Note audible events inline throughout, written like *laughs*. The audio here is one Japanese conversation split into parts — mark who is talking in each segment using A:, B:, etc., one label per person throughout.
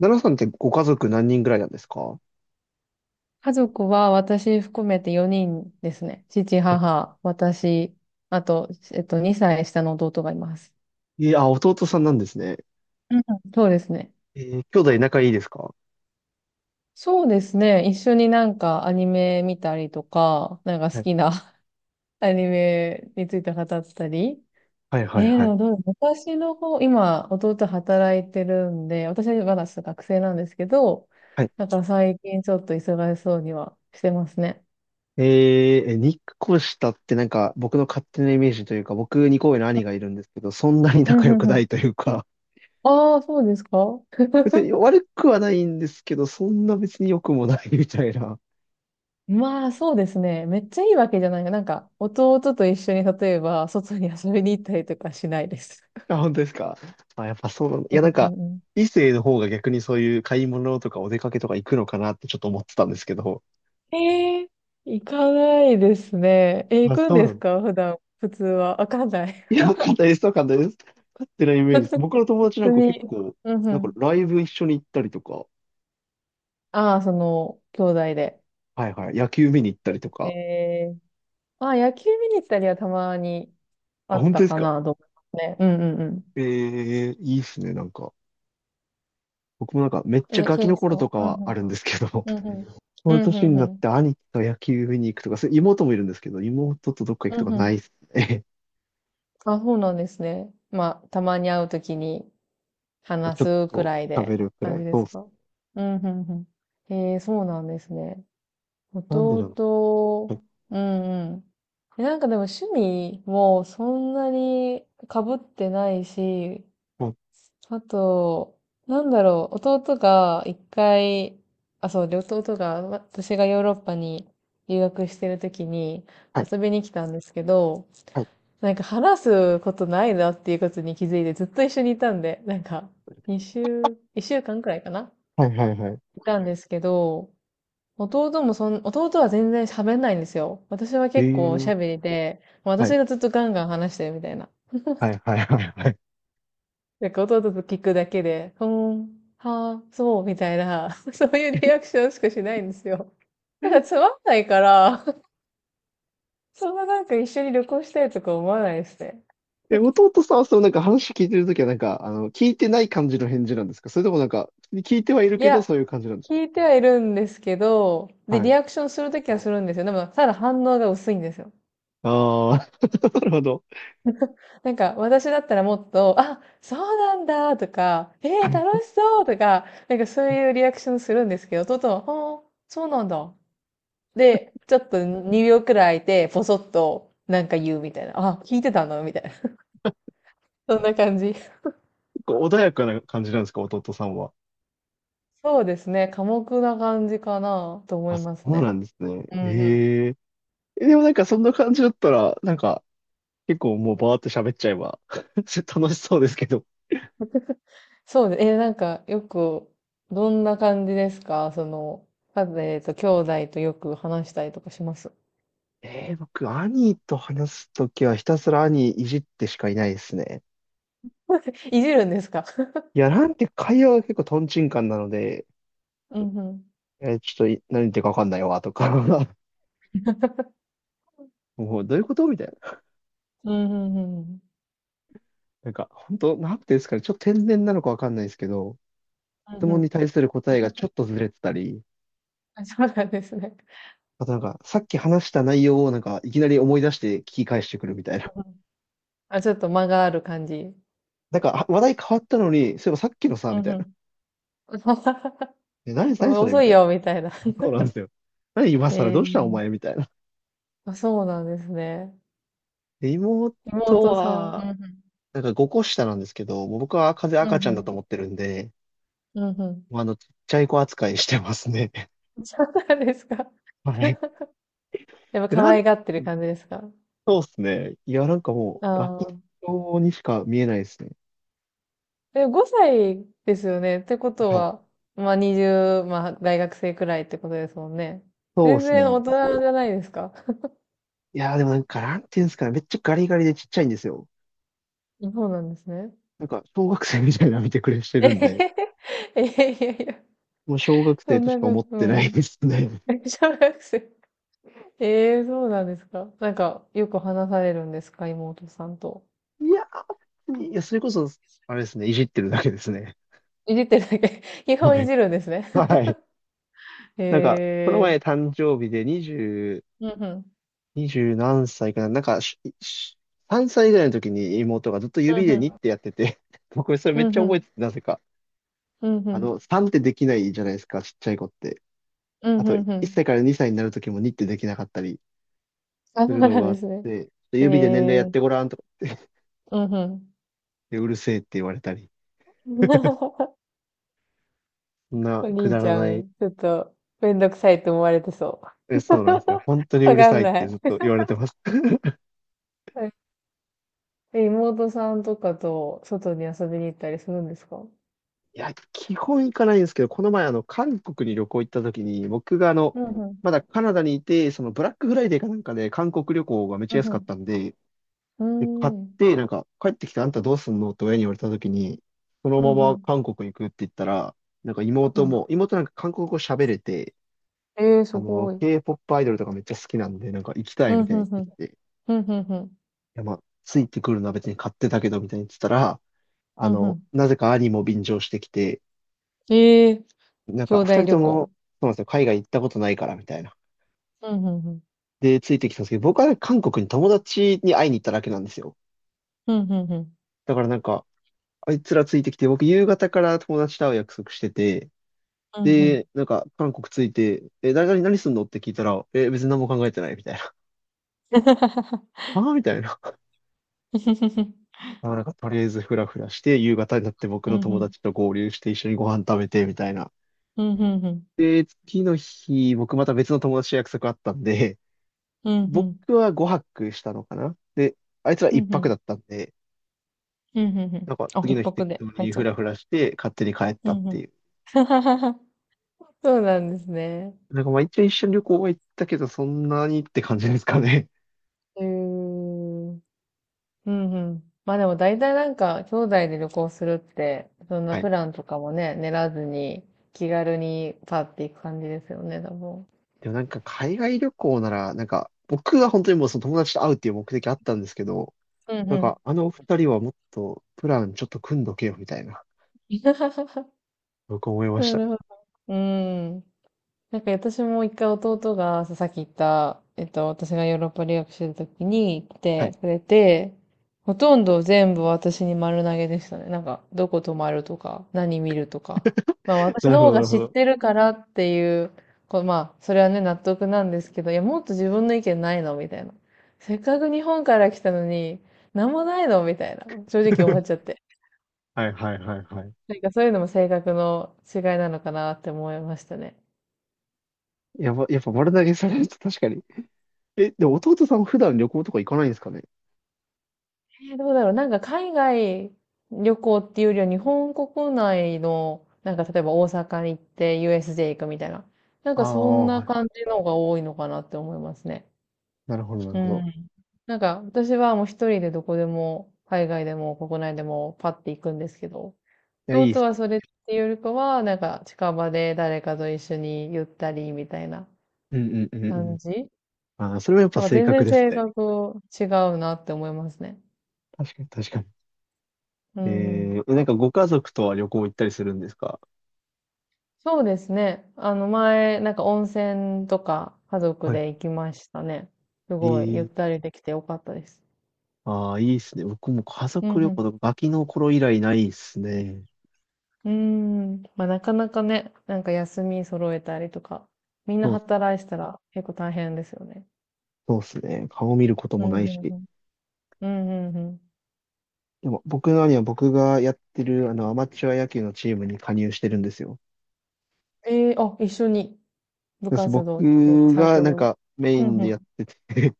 A: 奈良さんってご家族何人ぐらいなんですか？は
B: 家族は私含めて4人ですね。父、
A: い。
B: 母、私、あと、2歳下の弟がいます。
A: いや、弟さんなんですね。
B: うん、そうですね。
A: 兄弟仲いいですか？
B: そうですね。一緒になんかアニメ見たりとか、なんか
A: は
B: 好
A: い
B: きな *laughs* アニメについて語ったり。
A: はい
B: え
A: はい
B: ー、
A: は
B: で
A: い。
B: もどうだ私の方、今、弟働いてるんで、私はまだ学生なんですけど、
A: はい。
B: だから最近ちょっと忙しそうにはしてますね。
A: 日光下ってなんか僕の勝手なイメージというか、僕2個上の兄がいるんですけど、そんなに
B: う
A: 仲
B: ん
A: 良
B: う
A: く
B: んう
A: な
B: ん。
A: いというか、
B: ああ、そうですか。
A: *laughs* 別に悪くはないんですけど、そんな別に良くもないみたいな。
B: まあ、そうですね。めっちゃいいわけじゃないが、なんか、弟と一緒に、例えば、外に遊びに行ったりとかしないです。
A: あ、本当ですか？あ、やっぱそうなんだ。
B: *laughs*
A: いや、なん
B: う
A: か、
B: んう
A: 異性の方が逆にそういう買い物とかお出かけとか行くのかなってちょっと思ってたんですけど。
B: ん、えー、行かないですね。えー、行
A: まあ
B: くん
A: そう
B: で
A: な
B: す
A: んだ。
B: か普段、普通は。わかんない。
A: いや、簡単です。簡単です。勝ってないイ
B: *laughs*
A: メージです。
B: 普
A: 僕の友達なん
B: 通
A: か結
B: に。
A: 構、
B: うんう
A: なんか
B: ん。
A: ライブ一緒に行ったりとか、
B: ああ、その、兄弟で。
A: はいはい、野球見に行ったりとか。
B: えー、ああ、野球見に行ったりはたまにあ
A: あ、
B: っ
A: 本
B: た
A: 当です
B: か
A: か？
B: な、と思いますね。うんうんうん。
A: ええ、いいっすね、なんか。僕もなんかめっちゃ
B: えー、
A: ガ
B: ケ
A: キの
B: イさ
A: 頃
B: ん
A: と
B: は。
A: か
B: うんう
A: はあ
B: ん。
A: るんですけど、*laughs*
B: うんうん。
A: この
B: うんう
A: 年に
B: んう
A: なっ
B: ん。
A: て兄貴と野球見に行くとか、それ妹もいるんですけど、妹とどっか行くと
B: う
A: か
B: んう
A: な
B: ん、
A: いっすね。
B: あ、そうなんですね。まあ、たまに会うときに
A: *laughs* まあ
B: 話
A: ちょっ
B: すく
A: と
B: らい
A: 喋
B: で
A: るくら
B: 感
A: い。
B: じで
A: そうっ
B: す
A: す
B: か。
A: ね。
B: うん、うん、うん。えー、そうなんですね。
A: なんでだろう。
B: 弟、うんうん。え、なんかでも趣味もそんなに被ってないし、あと、なんだろう、弟が一回、あ、そうで、弟が、私がヨーロッパに留学してるときに
A: はい、
B: 遊びに来たんですけど、
A: はい、
B: なんか話すことないなっていうことに気づいてずっと一緒にいたんで、なんか、一週間くらいかな
A: はい、はい、はい、はい。
B: いたんですけど、弟は全然喋んないんですよ。私は
A: え
B: 結構喋
A: え、
B: りで、もう
A: は
B: 私
A: い、
B: がずっとガンガン話してるみたいな。
A: はい、はい、はい。は
B: なんか弟と聞くだけで、うーん、はあ、そう、みたいな、*laughs* そういうリアクションしかしないんですよ。なんか
A: い。
B: つまんないから、*laughs* そんななんか一緒に旅行したいとか思わないですね。
A: え、弟さんはそのなんか話聞いてるときはなんか、聞いてない感じの返事なんですか？それともなんか、聞いてはいる
B: い
A: けど
B: や、
A: そういう感じなんです
B: 聞いてはいるんですけど、
A: か？
B: で、
A: は
B: リ
A: い。
B: アクションするときはするんですよ。でも、ただ反応が薄いんですよ。
A: ああ、*laughs* なるほど。
B: なんか、私だったらもっと、あ、そうなんだとか、えー、楽しそうとか、なんかそういうリアクションするんですけど、トトは、はあー、そうなんだ。で、ちょっと2秒くらい空いて、ポソッとなんか言うみたいな。あ、聞いてたのみたいな。*laughs* そんな感じ。
A: 結構穏やかな感じなんですか、弟さんは。
B: そうですね。寡黙な感じかなと思
A: あ、
B: い
A: そ
B: ます
A: うな
B: ね。
A: んですね。
B: うんうん。
A: ええ。え、でもなんかそんな感じだったら、なんか、結構もうバーって喋っちゃえば *laughs* 楽しそうですけど。
B: そうで、えなんかよく、どんな感じですかその、兄弟とよく話したりとかします。
A: ええ、僕、兄と話すときはひたすら兄いじってしかいないですね。
B: *laughs* いじるんですか。 *laughs*
A: いや、なんて会話が結構トンチンカンなので、
B: うんうん。
A: えーちょっとい何言ってるかわかんないわ、とか *laughs* もうどういうことみたいな。
B: うんうんうんうん。
A: なんか、本当なんていうんですかね、ちょっと天然なのかわかんないですけど、
B: うん
A: 質
B: うん
A: 問に
B: うん。
A: 対する答えがちょっとずれてたり、
B: あ、そうなんですね。
A: あとなんか、さっき話した内容をなんか、いきなり思い出して聞き返してくるみたいな。
B: うんうん、あ、ちょっと間がある感じ。
A: なんか、あ、話題変わったのに、そういえばさっきのさ、
B: う
A: みた
B: んう
A: いな。
B: ん。
A: え、何、
B: *laughs*
A: 何それみ
B: 遅い
A: たいな。
B: よ、みたいな。*laughs*
A: そうなんですよ。何今更どう
B: え
A: したお前
B: え、
A: みたいな。
B: あ、そうなんですね。
A: で、妹
B: 妹さん。うん
A: は、なんか5個下なんですけど、もう僕は風
B: うん。う
A: 赤
B: ん
A: ちゃ
B: う
A: んだ
B: ん。
A: と思ってるんで、
B: うんうん。
A: もうちっちゃい子扱いしてますね。
B: *laughs* そうなんですか。
A: *laughs* はい。
B: *laughs* やっぱ
A: な
B: 可
A: ん
B: 愛がってる感じですか。
A: そうですね。いや、なんかも
B: あ
A: う、ガキ
B: あー。
A: 用にしか見えないですね。
B: え、5歳ですよね。ってこと
A: はい。
B: は、まあ20、まあ大学生くらいってことですもんね。
A: そう
B: 全
A: です
B: 然
A: ね。
B: 大人じゃないですか。
A: いや、でもなんか、なんていうんですかね。めっちゃガリガリでちっちゃいんですよ。
B: そうなんですね。
A: なんか、小学生みたいな見てくれして
B: え
A: るん
B: へ
A: で、
B: へへ。いやいやいや、
A: もう小学
B: そ
A: 生
B: ん
A: とし
B: な
A: か
B: こ
A: 思
B: と、
A: っ
B: う
A: てない
B: ん。
A: ですね。
B: *laughs* 小学生。ええ、そうなんですか。なんか、よく話されるんですか、妹さんと。
A: いやー、いや、それこそ、あれですね。いじってるだけですね。
B: いじってるだけ。*laughs* 基本
A: は
B: い
A: い。
B: じるんですね。
A: はい。なんか、この
B: *laughs* ええ、
A: 前誕生日で
B: うんうん。
A: 20、20何歳かな。なんか、3歳ぐらいの時に妹がずっと
B: う
A: 指
B: んう
A: でに
B: ん。
A: ってやってて、僕それ
B: う
A: めっち
B: ん
A: ゃ
B: う
A: 覚え
B: ん。
A: てて、なぜか。
B: うんうん。
A: 3ってできないじゃないですか、ちっちゃい子って。
B: うん
A: あ
B: う
A: と、
B: んう
A: 1
B: ん。
A: 歳から2歳になるときも2ってできなかったり
B: あ、
A: す
B: そう
A: るの
B: な
A: があ
B: ん
A: っ
B: ですね。
A: て、ちょっと
B: え
A: 指で年齢やっ
B: え、
A: てごらんとか言って、
B: うんうん。
A: でうるせえって言われたり。
B: *laughs*
A: そんな
B: お
A: く
B: 兄
A: だ
B: ち
A: ら
B: ゃ
A: ない。
B: ん、ちょっと、めんどくさいと思われてそう。
A: え、
B: *laughs*
A: そうなんですよ。本当にう
B: わ
A: る
B: か
A: さ
B: ん
A: いっ
B: な
A: て
B: い。
A: ずっと言われてます。*laughs*
B: *laughs* え、妹さんとかと外に遊びに行ったりするんですか。
A: いや、基本行かないんですけど、この前、韓国に旅行行った時に、僕が
B: うんうん。
A: まだカナダにいて、そのブラックフライデーかなんかで韓国旅行がめっちゃ
B: うん
A: 安
B: う
A: かっ
B: ん。
A: たんで、
B: うー
A: で、買っ
B: ん。
A: て、なんか、帰ってきてあんたどうすんのって親に言われたときに、その
B: う
A: ま
B: んう
A: ま
B: ん。
A: 韓国行くって言ったら、なんか
B: うんう
A: 妹
B: ん。
A: も、妹なんか韓国語喋れて、
B: えー、すごい。
A: K-POP アイドルとかめっちゃ好きなんで、なんか行きた
B: う
A: い
B: ん
A: みたい
B: うん
A: に
B: う
A: 言っ
B: ん。
A: てきて、い
B: うんうんうん。
A: や、まあ、ついてくるのは別に買ってたけど、みたいに言ってたら、
B: うんうん。
A: なぜか兄も便乗してきて、
B: えー、
A: なん
B: 兄
A: か、二
B: 弟
A: 人
B: 旅
A: と
B: 行。
A: も、そうなんですよ、海外行ったことないから、みたいな。
B: うんうんうん。
A: で、ついてきたんですけど、僕は韓国に友達に会いに行っただけなんですよ。
B: うんうんうん。
A: だからなんか、あいつらついてきて、僕夕方から友達と会う約束してて、
B: うんうん。
A: で、なんか、韓国着いて、え、誰々何すんのって聞いたら、え、別に何も考えてないみたいな。*laughs* ああ、みたいな。*laughs*
B: *laughs*
A: あ、なんか、とりあえずフラフラして、夕方になって僕
B: う
A: の
B: んう
A: 友
B: ん。
A: 達と合流して、一緒にご飯食べて、みたいな。
B: うんうんうん。
A: で、次の日、僕また別の友達と約束あったんで、
B: うんう
A: 僕
B: ん。
A: は5泊したのかな、で、あいつら
B: う
A: 一
B: んう
A: 泊
B: ん。
A: だったんで、
B: うんうんう
A: なん
B: ん。
A: か、
B: あ、
A: 次
B: 一
A: の日
B: 泊
A: 適当
B: で入っ
A: に
B: ちゃ
A: フ
B: った。
A: ラフラして、勝手に帰っ
B: う
A: たっ
B: んう
A: てい
B: ん。
A: う。
B: *laughs* そうなんですね。
A: なんか、まあ一応一緒に旅行は行ったけど、そんなにって感じですかね。
B: うーん。うんうん。まあでも大体なんか、兄弟で旅行するって、そん
A: *laughs*
B: な
A: はい。
B: プランとかもね、練らずに、気軽にパッて行く感じですよね、多分。
A: でもなんか海外旅行なら、なんか僕は本当にもうその友達と会うっていう目的あったんですけど、
B: うん
A: な
B: う
A: ん
B: ん。
A: かお二人はもっとプランちょっと組んどけよみたいな、僕思いまし
B: な
A: たね。
B: るほど。うーん。なんか私も一回弟がさっき言った、私がヨーロッパ留学してる時に来
A: は
B: て
A: い。
B: くれて、ほとんど全部私に丸投げでしたね。なんか、どこ泊まるとか、何見るとか。まあ私
A: なる
B: の
A: ほ
B: 方
A: ど、な
B: が
A: るほ
B: 知っ
A: ど。
B: てるからっていう、こう、まあ、それはね、納得なんですけど、いや、もっと自分の意見ないのみたいな。せっかく日本から来たのに、なんもないのみたいな。正直思っちゃっ
A: *laughs*
B: て。
A: はいはいはいはい。
B: なんかそういうのも性格の違いなのかなって思いましたね。
A: やば、やっぱ丸投げされると確かに。え、でも弟さん普段旅行とか行かないんですかね？
B: えどうだろう。なんか海外旅行っていうよりは日本国内の、なんか例えば大阪に行って USJ 行くみたいな。なん
A: あ
B: かそん
A: あ、
B: な
A: はい。
B: 感じのが多いのかなって思いますね。
A: なるほど、なる
B: う
A: ほど。
B: ん。なんか私はもう一人でどこでも、海外でも国内でもパッて行くんですけど、
A: いや、いいで
B: 弟
A: す
B: は
A: ね。
B: それっていうよりかは、なんか近場で誰かと一緒にゆったりみたいな
A: うんうんうんう
B: 感
A: ん。
B: じ。
A: ああ、それはやっぱ
B: なんか
A: 性
B: 全
A: 格
B: 然
A: です
B: 性
A: ね。
B: 格違うなって思いますね。
A: 確かに確かに。
B: う
A: え
B: ん。
A: なんかご家族とは旅行行ったりするんですか？
B: そうですね。あの前、なんか温泉とか家族
A: はい。
B: で行きましたね。す
A: え
B: ごい、ゆっ
A: ー、
B: たりできてよかったです。
A: ああ、いいっすね。僕も家
B: う
A: 族旅
B: ん
A: 行とかガキの頃以来ないっすね。
B: うん。うーん。まあなかなかね、なんか休み揃えたりとか、みんな
A: そう、
B: 働いてたら結構大変ですよね。
A: そうっすね。顔見ること
B: う
A: も
B: ん
A: な
B: う
A: い
B: ん
A: し。
B: うん。うんうんうん。
A: でも僕の兄は僕がやってるあのアマチュア野球のチームに加入してるんですよ。
B: ええ、あ、一緒に部
A: そうそう、
B: 活動っていうか
A: 僕
B: サー
A: が
B: ク
A: な
B: ル
A: ん
B: を。
A: かメイ
B: うん
A: ンで
B: う
A: やってて *laughs*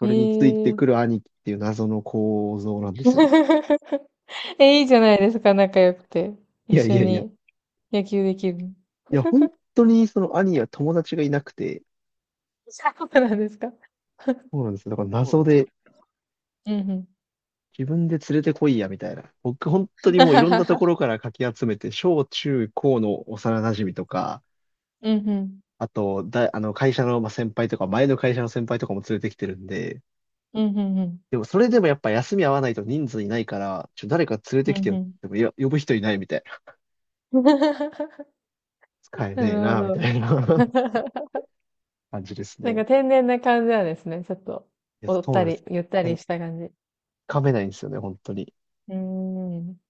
A: そ
B: ん。
A: れについ
B: え
A: て
B: え。
A: くる兄貴っていう謎の構造なんですよ。
B: *laughs* え、いいじゃないですか、仲良くて。
A: い
B: 一
A: やい
B: 緒
A: やいや。い
B: に野球できる。
A: や、本当にその兄は友達がいなくて、
B: *laughs* そうなんですか。
A: そうなんですよ。だから謎で
B: うんうん。
A: 自分で連れてこいや、みたいな。僕、本当にもういろんなとこ
B: *laughs*
A: ろからかき集めて、小中高の幼馴染とか、
B: うんうん。
A: あと、だ、あの、会社のまあ先輩とか、前の会社の先輩とかも連れてきてるんで、
B: うんうんうん。
A: でも、それでもやっぱ休み合わないと人数いないから、誰か連れ
B: う
A: て
B: ん
A: きてよ
B: う
A: っ
B: ん。
A: ても、いや、呼ぶ人いないみたいな。
B: *laughs*
A: 使え
B: な
A: ねえ
B: るほ
A: な、み
B: ど。
A: たいな
B: *laughs*
A: *laughs* 感じです
B: なん
A: ね。
B: か天然な感じなんですね。ちょっと、
A: いや、
B: おっ
A: そう
B: た
A: なんです
B: り、
A: よ。
B: ゆった
A: い
B: り
A: や、
B: した感じ。う
A: かめないんですよね、本当に。
B: ーん。